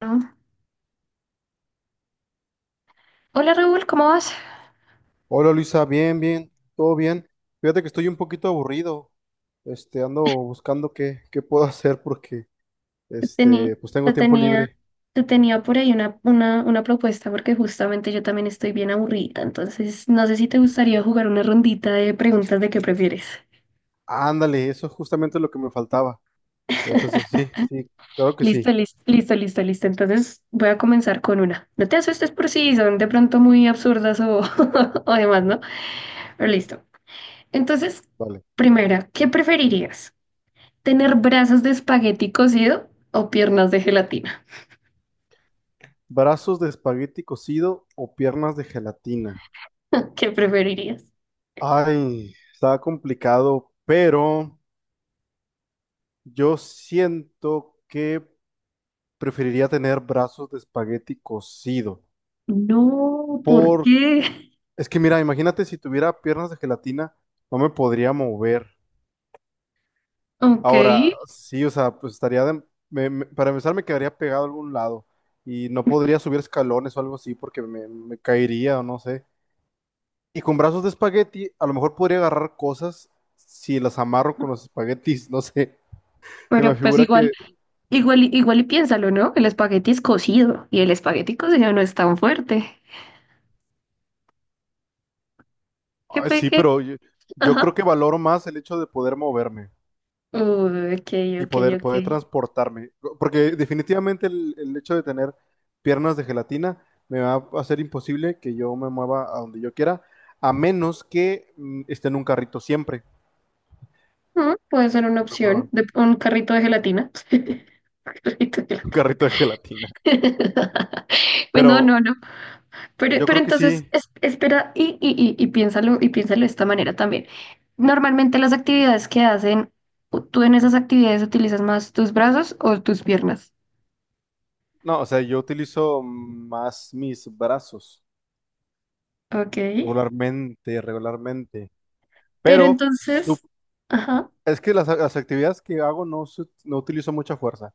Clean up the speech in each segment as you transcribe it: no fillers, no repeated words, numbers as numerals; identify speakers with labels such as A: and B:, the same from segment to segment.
A: Bueno, hola Raúl, ¿cómo vas?
B: Hola Luisa, bien, bien, todo bien. Fíjate que estoy un poquito aburrido. Ando buscando qué puedo hacer porque,
A: Te tenía,
B: este, pues tengo
A: te
B: tiempo
A: tenía,
B: libre.
A: te tenía por ahí una propuesta porque justamente yo también estoy bien aburrida, entonces no sé si te gustaría jugar una rondita de preguntas de qué prefieres.
B: Ándale, eso es justamente lo que me faltaba. Entonces, sí, sí, claro que
A: Listo,
B: sí.
A: listo, listo, listo, listo. Entonces voy a comenzar con una. No te asustes por si son de pronto muy absurdas o, o demás, ¿no? Pero listo. Entonces,
B: Vale.
A: primera, ¿qué preferirías? ¿Tener brazos de espagueti cocido o piernas de gelatina?
B: ¿Brazos de espagueti cocido o piernas de gelatina?
A: ¿Qué preferirías?
B: Ay, está complicado, pero yo siento que preferiría tener brazos de espagueti cocido.
A: No, ¿por qué?
B: Es que mira, imagínate si tuviera piernas de gelatina, no me podría mover.
A: Ok,
B: Ahora, sí, o sea, pues estaría de- me- me- para empezar me quedaría pegado a algún lado y no podría subir escalones o algo así porque me caería o no sé. Y con brazos de espagueti, a lo mejor podría agarrar cosas si las amarro con los espaguetis, no sé. Se me
A: pero pues
B: figura
A: igual,
B: que
A: igual, y- igual y piénsalo, ¿no? El espagueti es cocido y el espagueti cocido no es tan fuerte. ¿Qué
B: ay,
A: pe
B: sí,
A: qué?
B: pero yo, yo creo
A: Ajá.
B: que valoro más el hecho de poder moverme.
A: Uy, ok,
B: Y
A: ok,
B: poder
A: ok.
B: transportarme. Porque definitivamente el hecho de tener piernas de gelatina me va a hacer imposible que yo me mueva a donde yo quiera, a menos que esté en un carrito siempre
A: Puede ser una
B: y me
A: opción
B: mueva,
A: de un carrito de gelatina. Carrito de
B: un carrito de gelatina.
A: gelatina. Bueno, no,
B: Pero
A: no. Pero,
B: yo
A: pero
B: creo que
A: entonces,
B: sí,
A: es- espera y piénsalo, de esta manera también. Normalmente las actividades que hacen, ¿tú en esas actividades utilizas más tus brazos o tus piernas?
B: no, o sea, yo utilizo más mis brazos
A: Ok.
B: regularmente,
A: Pero
B: pero sup-
A: entonces, ajá.
B: es que las actividades que hago no utilizo mucha fuerza.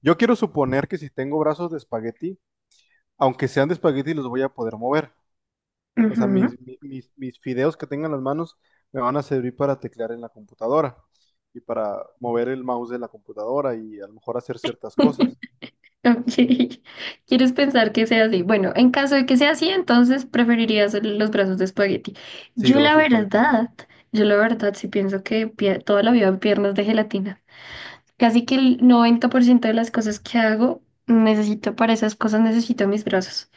B: Yo quiero suponer que si tengo brazos de espagueti, aunque sean de espagueti, los voy a poder mover. O sea,
A: Ujú,
B: mis fideos que tengan en las manos me van a servir para teclear en la computadora y para mover el mouse de la computadora y a lo mejor hacer ciertas cosas.
A: ok. ¿Quieres pensar que sea así? Bueno, en caso de que sea así, entonces preferirías los brazos de espagueti.
B: Sí,
A: Yo
B: lo
A: la
B: vas a espagueti.
A: verdad, yo la verdad sí pienso que toda la vida piernas de gelatina. Casi que el 90% de las cosas que hago, necesito para esas cosas, necesito mis brazos.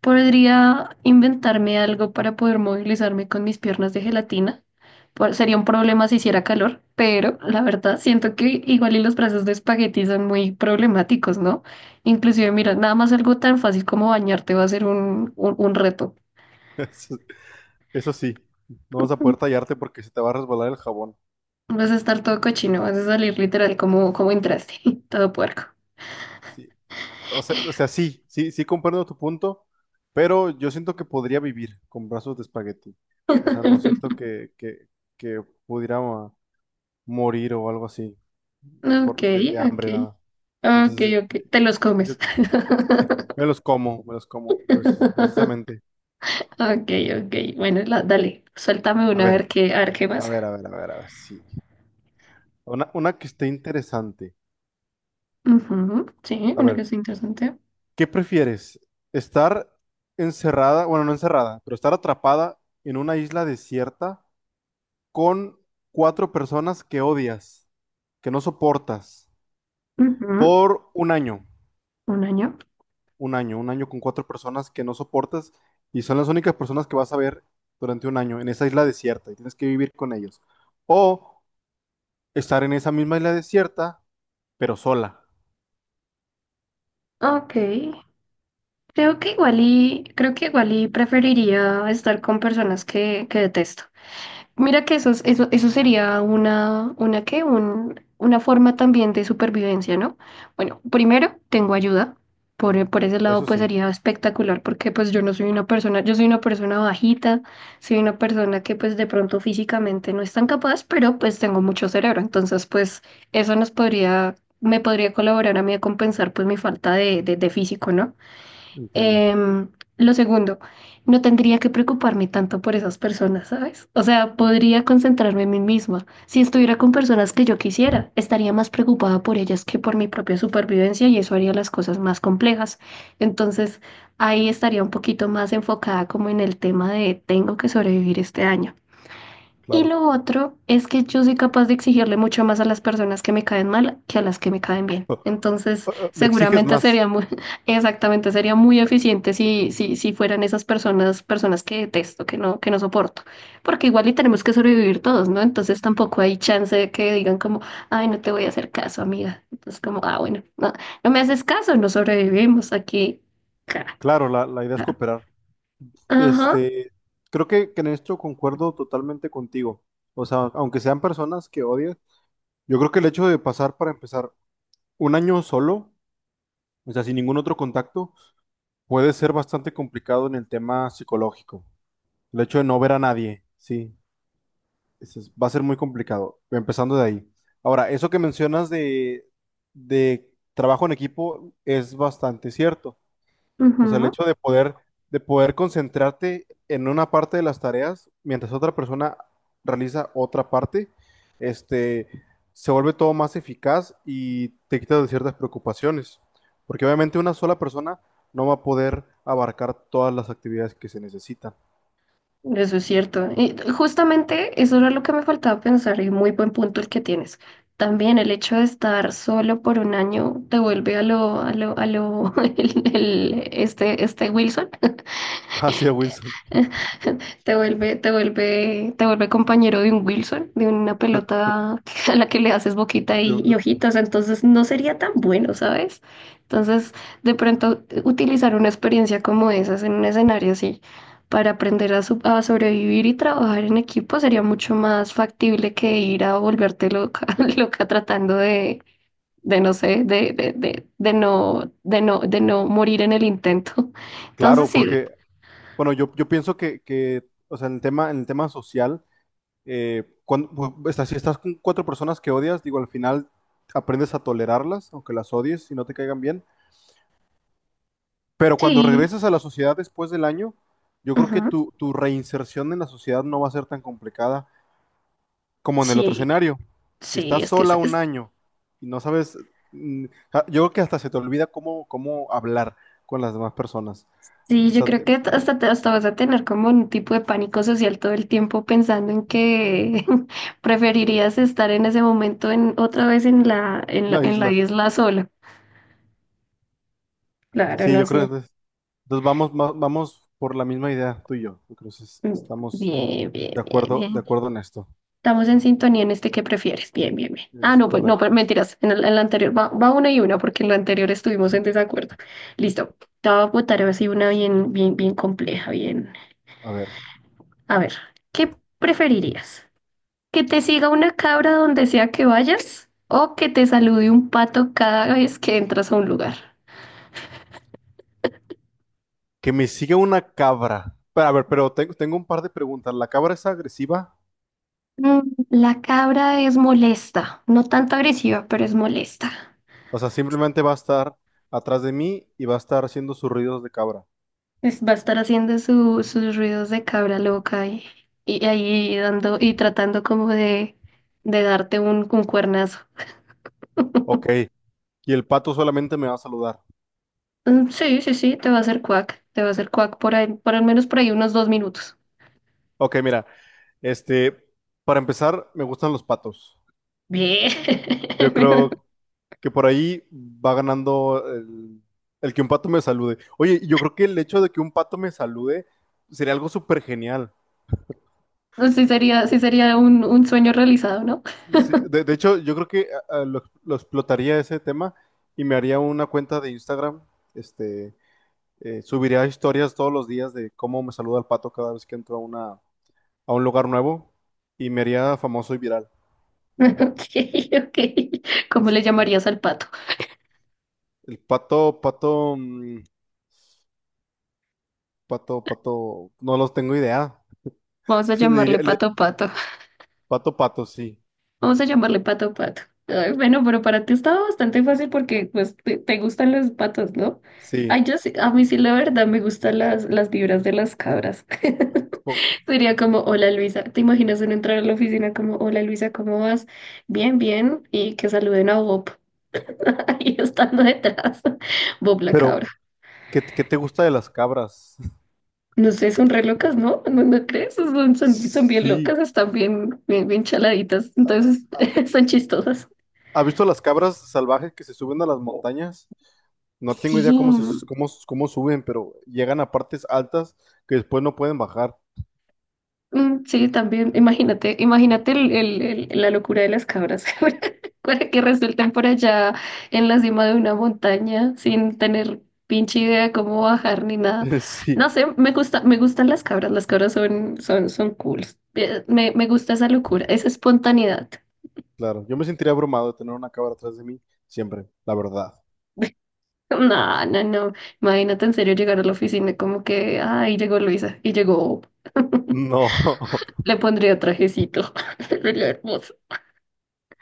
A: Podría inventarme algo para poder movilizarme con mis piernas de gelatina. Sería un problema si hiciera calor, pero la verdad siento que igual y los brazos de espagueti son muy problemáticos, ¿no? Inclusive, mira, nada más algo tan fácil como bañarte va a ser un reto.
B: Eso, eso sí, no vas a poder tallarte porque se te va a resbalar el jabón.
A: Vas a estar todo cochino, vas a salir literal como, entraste, todo puerco.
B: Sí. O sea, sí, sí, sí comprendo tu punto, pero yo siento que podría vivir con brazos de espagueti. O sea, no siento que pudiera morir o algo así.
A: Ok,
B: De
A: ok.
B: hambre, nada.
A: Ok,
B: Entonces,
A: ok, te los
B: yo
A: comes.
B: me los como, pues, precisamente.
A: Ok, ok, bueno, dale, suéltame
B: A
A: una
B: ver,
A: a ver qué
B: a
A: pasa.
B: ver, a ver, a ver, a ver, sí. Una que esté interesante.
A: Ujú, sí,
B: A
A: una
B: ver,
A: que sea interesante.
B: ¿qué prefieres? ¿Estar encerrada, bueno, no encerrada, pero estar atrapada en una isla desierta con cuatro personas que odias, que no soportas,
A: Ujú,
B: por un año?
A: un año.
B: Un año, un año con cuatro personas que no soportas y son las únicas personas que vas a ver durante un año en esa isla desierta y tienes que vivir con ellos. O estar en esa misma isla desierta, pero sola.
A: Ok, creo que igual y preferiría estar con personas que, detesto. Mira que eso, eso, sería una, ¿qué? Una forma también de supervivencia, ¿no? Bueno, primero tengo ayuda. Por ese lado,
B: Eso
A: pues
B: sí,
A: sería espectacular porque pues yo no soy una persona, yo soy una persona bajita, soy una persona que pues de pronto físicamente no es tan capaz, pero pues tengo mucho cerebro. Entonces, pues eso nos podría, me podría colaborar a mí a compensar pues mi falta de, de físico, ¿no?
B: entiendo,
A: Em, lo segundo, no tendría que preocuparme tanto por esas personas, ¿sabes? O sea, podría concentrarme en mí misma. Si estuviera con personas que yo quisiera, estaría más preocupada por ellas que por mi propia supervivencia y eso haría las cosas más complejas. Entonces, ahí estaría un poquito más enfocada como en el tema de tengo que sobrevivir este año. Y
B: claro.
A: lo otro es que yo soy capaz de exigirle mucho más a las personas que me caen mal que a las que me caen bien.
B: Eh,
A: Entonces,
B: Le exiges
A: seguramente
B: más.
A: sería muy, exactamente, sería muy eficiente si fueran esas personas, personas que detesto, que no soporto. Porque igual y tenemos que sobrevivir todos, ¿no? Entonces tampoco hay chance de que digan como, ay, no te voy a hacer caso, amiga. Entonces, como, ah, bueno, no, no me haces caso, no sobrevivimos aquí. Ca-
B: Claro, la idea es
A: ca-
B: cooperar.
A: Ajá.
B: Este, Creo que en esto concuerdo totalmente contigo. O sea, aunque sean personas que odias, yo creo que el hecho de pasar para empezar un año solo. O sea, sin ningún otro contacto, puede ser bastante complicado en el tema psicológico. El hecho de no ver a nadie, sí, va a ser muy complicado, empezando de ahí. Ahora, eso que mencionas de trabajo en equipo es bastante cierto. O sea, el
A: Ujú.
B: hecho de de poder concentrarte en una parte de las tareas mientras otra persona realiza otra parte, este, se vuelve todo más eficaz y te quita de ciertas preocupaciones. Porque obviamente una sola persona no va a poder abarcar todas las actividades que se necesitan.
A: Eso es cierto. Y justamente eso era lo que me faltaba pensar y muy buen punto el que tienes. También el hecho de estar solo por un año te vuelve a lo, este Wilson.
B: Así es, Wilson.
A: Te vuelve compañero de un Wilson, de una pelota a la que le haces boquita
B: De-
A: y
B: de-
A: ojitos, entonces no sería tan bueno, ¿sabes? Entonces, de pronto, utilizar una experiencia como esas en un escenario así para aprender a sobrevivir y trabajar en equipo sería mucho más factible que ir a volverte loca, loca tratando de no sé, de no morir en el intento. Entonces,
B: Claro,
A: sí,
B: bueno, yo pienso o sea, en el tema social, si estás con cuatro personas que odias, digo, al final aprendes a tolerarlas, aunque las odies y no te caigan bien. Pero cuando
A: sí.
B: regresas a la sociedad después del año, yo creo que
A: Ujú,
B: tu reinserción en la sociedad no va a ser tan complicada como en el otro
A: sí,
B: escenario. Si
A: sí,
B: estás
A: es que
B: sola un año y no sabes, mm, yo creo que hasta se te olvida cómo hablar con las demás personas.
A: sí,
B: O
A: yo
B: sea,
A: creo
B: te-
A: que hasta, hasta vas a tener como un tipo de pánico social todo el tiempo pensando en que preferirías estar en ese momento en otra vez en la,
B: la
A: en la
B: isla.
A: isla sola. Claro,
B: Sí,
A: no
B: yo creo que
A: sé.
B: entonces, entonces vamos, vamos por la misma idea, tú y yo. Entonces
A: Mm,
B: estamos
A: Bien,
B: de
A: bien, bien,
B: acuerdo, de
A: bien.
B: acuerdo en esto.
A: Estamos en sintonía en este que prefieres. Bien, bien, bien. Ah,
B: Es
A: no, pues no, pero
B: correcto.
A: mentiras. En la anterior va una y una porque en la anterior estuvimos en desacuerdo. Listo. Te voy a botar así una bien, bien, bien compleja, bien.
B: A ver,
A: A ver, ¿qué preferirías? Que te siga una cabra donde sea que vayas o que te salude un pato cada vez que entras a un lugar.
B: que me sigue una cabra. Pero, a ver, pero tengo, tengo un par de preguntas. ¿La cabra es agresiva?
A: Mm, La cabra es molesta, no tanto agresiva, pero es molesta.
B: O sea, simplemente va a estar atrás de mí y va a estar haciendo sus ruidos de cabra.
A: Va a estar haciendo sus ruidos de cabra loca y, ahí dando y tratando como de, darte un, cuernazo.
B: Ok. Y el pato solamente me va a saludar.
A: Mm, sí, sí, sí, te va a hacer cuac, te va a hacer cuac por ahí, por al menos por ahí unos 2 minutos.
B: Ok, mira, este, para empezar, me gustan los patos.
A: Bien.
B: Yo creo que por ahí va ganando el que un pato me salude. Oye, yo creo que el hecho de que un pato me salude sería algo súper genial.
A: Sí sería un, sueño realizado, ¿no?
B: Sí, de hecho, yo creo que lo explotaría ese tema y me haría una cuenta de Instagram. Este, Subiría historias todos los días de cómo me saluda el pato cada vez que entro a a un lugar nuevo y me haría famoso y viral.
A: Ok, ok. ¿Cómo
B: Ese
A: le
B: sí.
A: llamarías al pato?
B: El pato, pato, mm, pato, pato, no los tengo idea.
A: Vamos a
B: Le
A: llamarle
B: diría, le-
A: pato pato.
B: Pato, pato, sí,
A: Vamos a llamarle pato pato. Ay, bueno, pero para ti estaba bastante fácil porque pues te gustan los patos, ¿no?
B: sí.
A: Ay, yo sí, a mí sí la verdad me gustan las, vibras de las cabras.
B: Co-
A: Sería como, hola Luisa, ¿te imaginas uno entrar a la oficina como, hola Luisa, ¿cómo vas? Bien, bien, y que saluden a Bob ahí estando detrás, Bob la
B: Pero,
A: cabra.
B: ¿qué te gusta de las cabras?
A: No sé, son re locas, ¿no? ¿No, no crees? Son bien
B: Sí.
A: locas, están bien, bien, bien chaladitas, entonces
B: ¿Ha
A: son chistosas.
B: Ha visto las cabras salvajes que se suben a las montañas? No tengo
A: Sí,
B: idea cómo suben, pero llegan a partes altas que después no pueden bajar.
A: mm, sí, también, imagínate el, la locura de las cabras, para que resultan por allá en la cima de una montaña sin tener pinche idea de cómo bajar ni nada.
B: Sí,
A: No sé, me gustan las cabras, son cool. Me gusta esa locura, esa espontaneidad.
B: claro. Yo me sentiría abrumado de tener una cámara atrás de mí siempre, la verdad.
A: No, no, no. Imagínate en serio llegar a la oficina como que, ay, llegó Luisa y llegó,
B: No.
A: le pondría trajecito. Sería hermoso.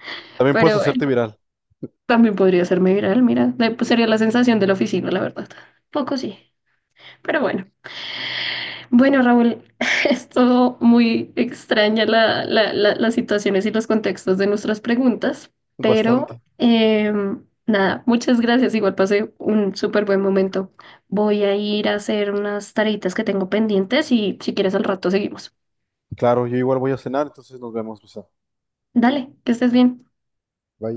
B: También puedes
A: Pero bueno,
B: hacerte viral,
A: también podría hacerme viral, mira. Pues, sería la sensación de la oficina, la verdad. Poco sí. Pero bueno. Bueno, Raúl, es todo muy extraña la, las situaciones y los contextos de nuestras preguntas, pero
B: bastante.
A: nada, muchas gracias. Igual pasé un súper buen momento. Voy a ir a hacer unas tareitas que tengo pendientes y si quieres al rato seguimos.
B: Claro, yo igual voy a cenar, entonces nos vemos, Luisa.
A: Dale, que estés bien.
B: Bye.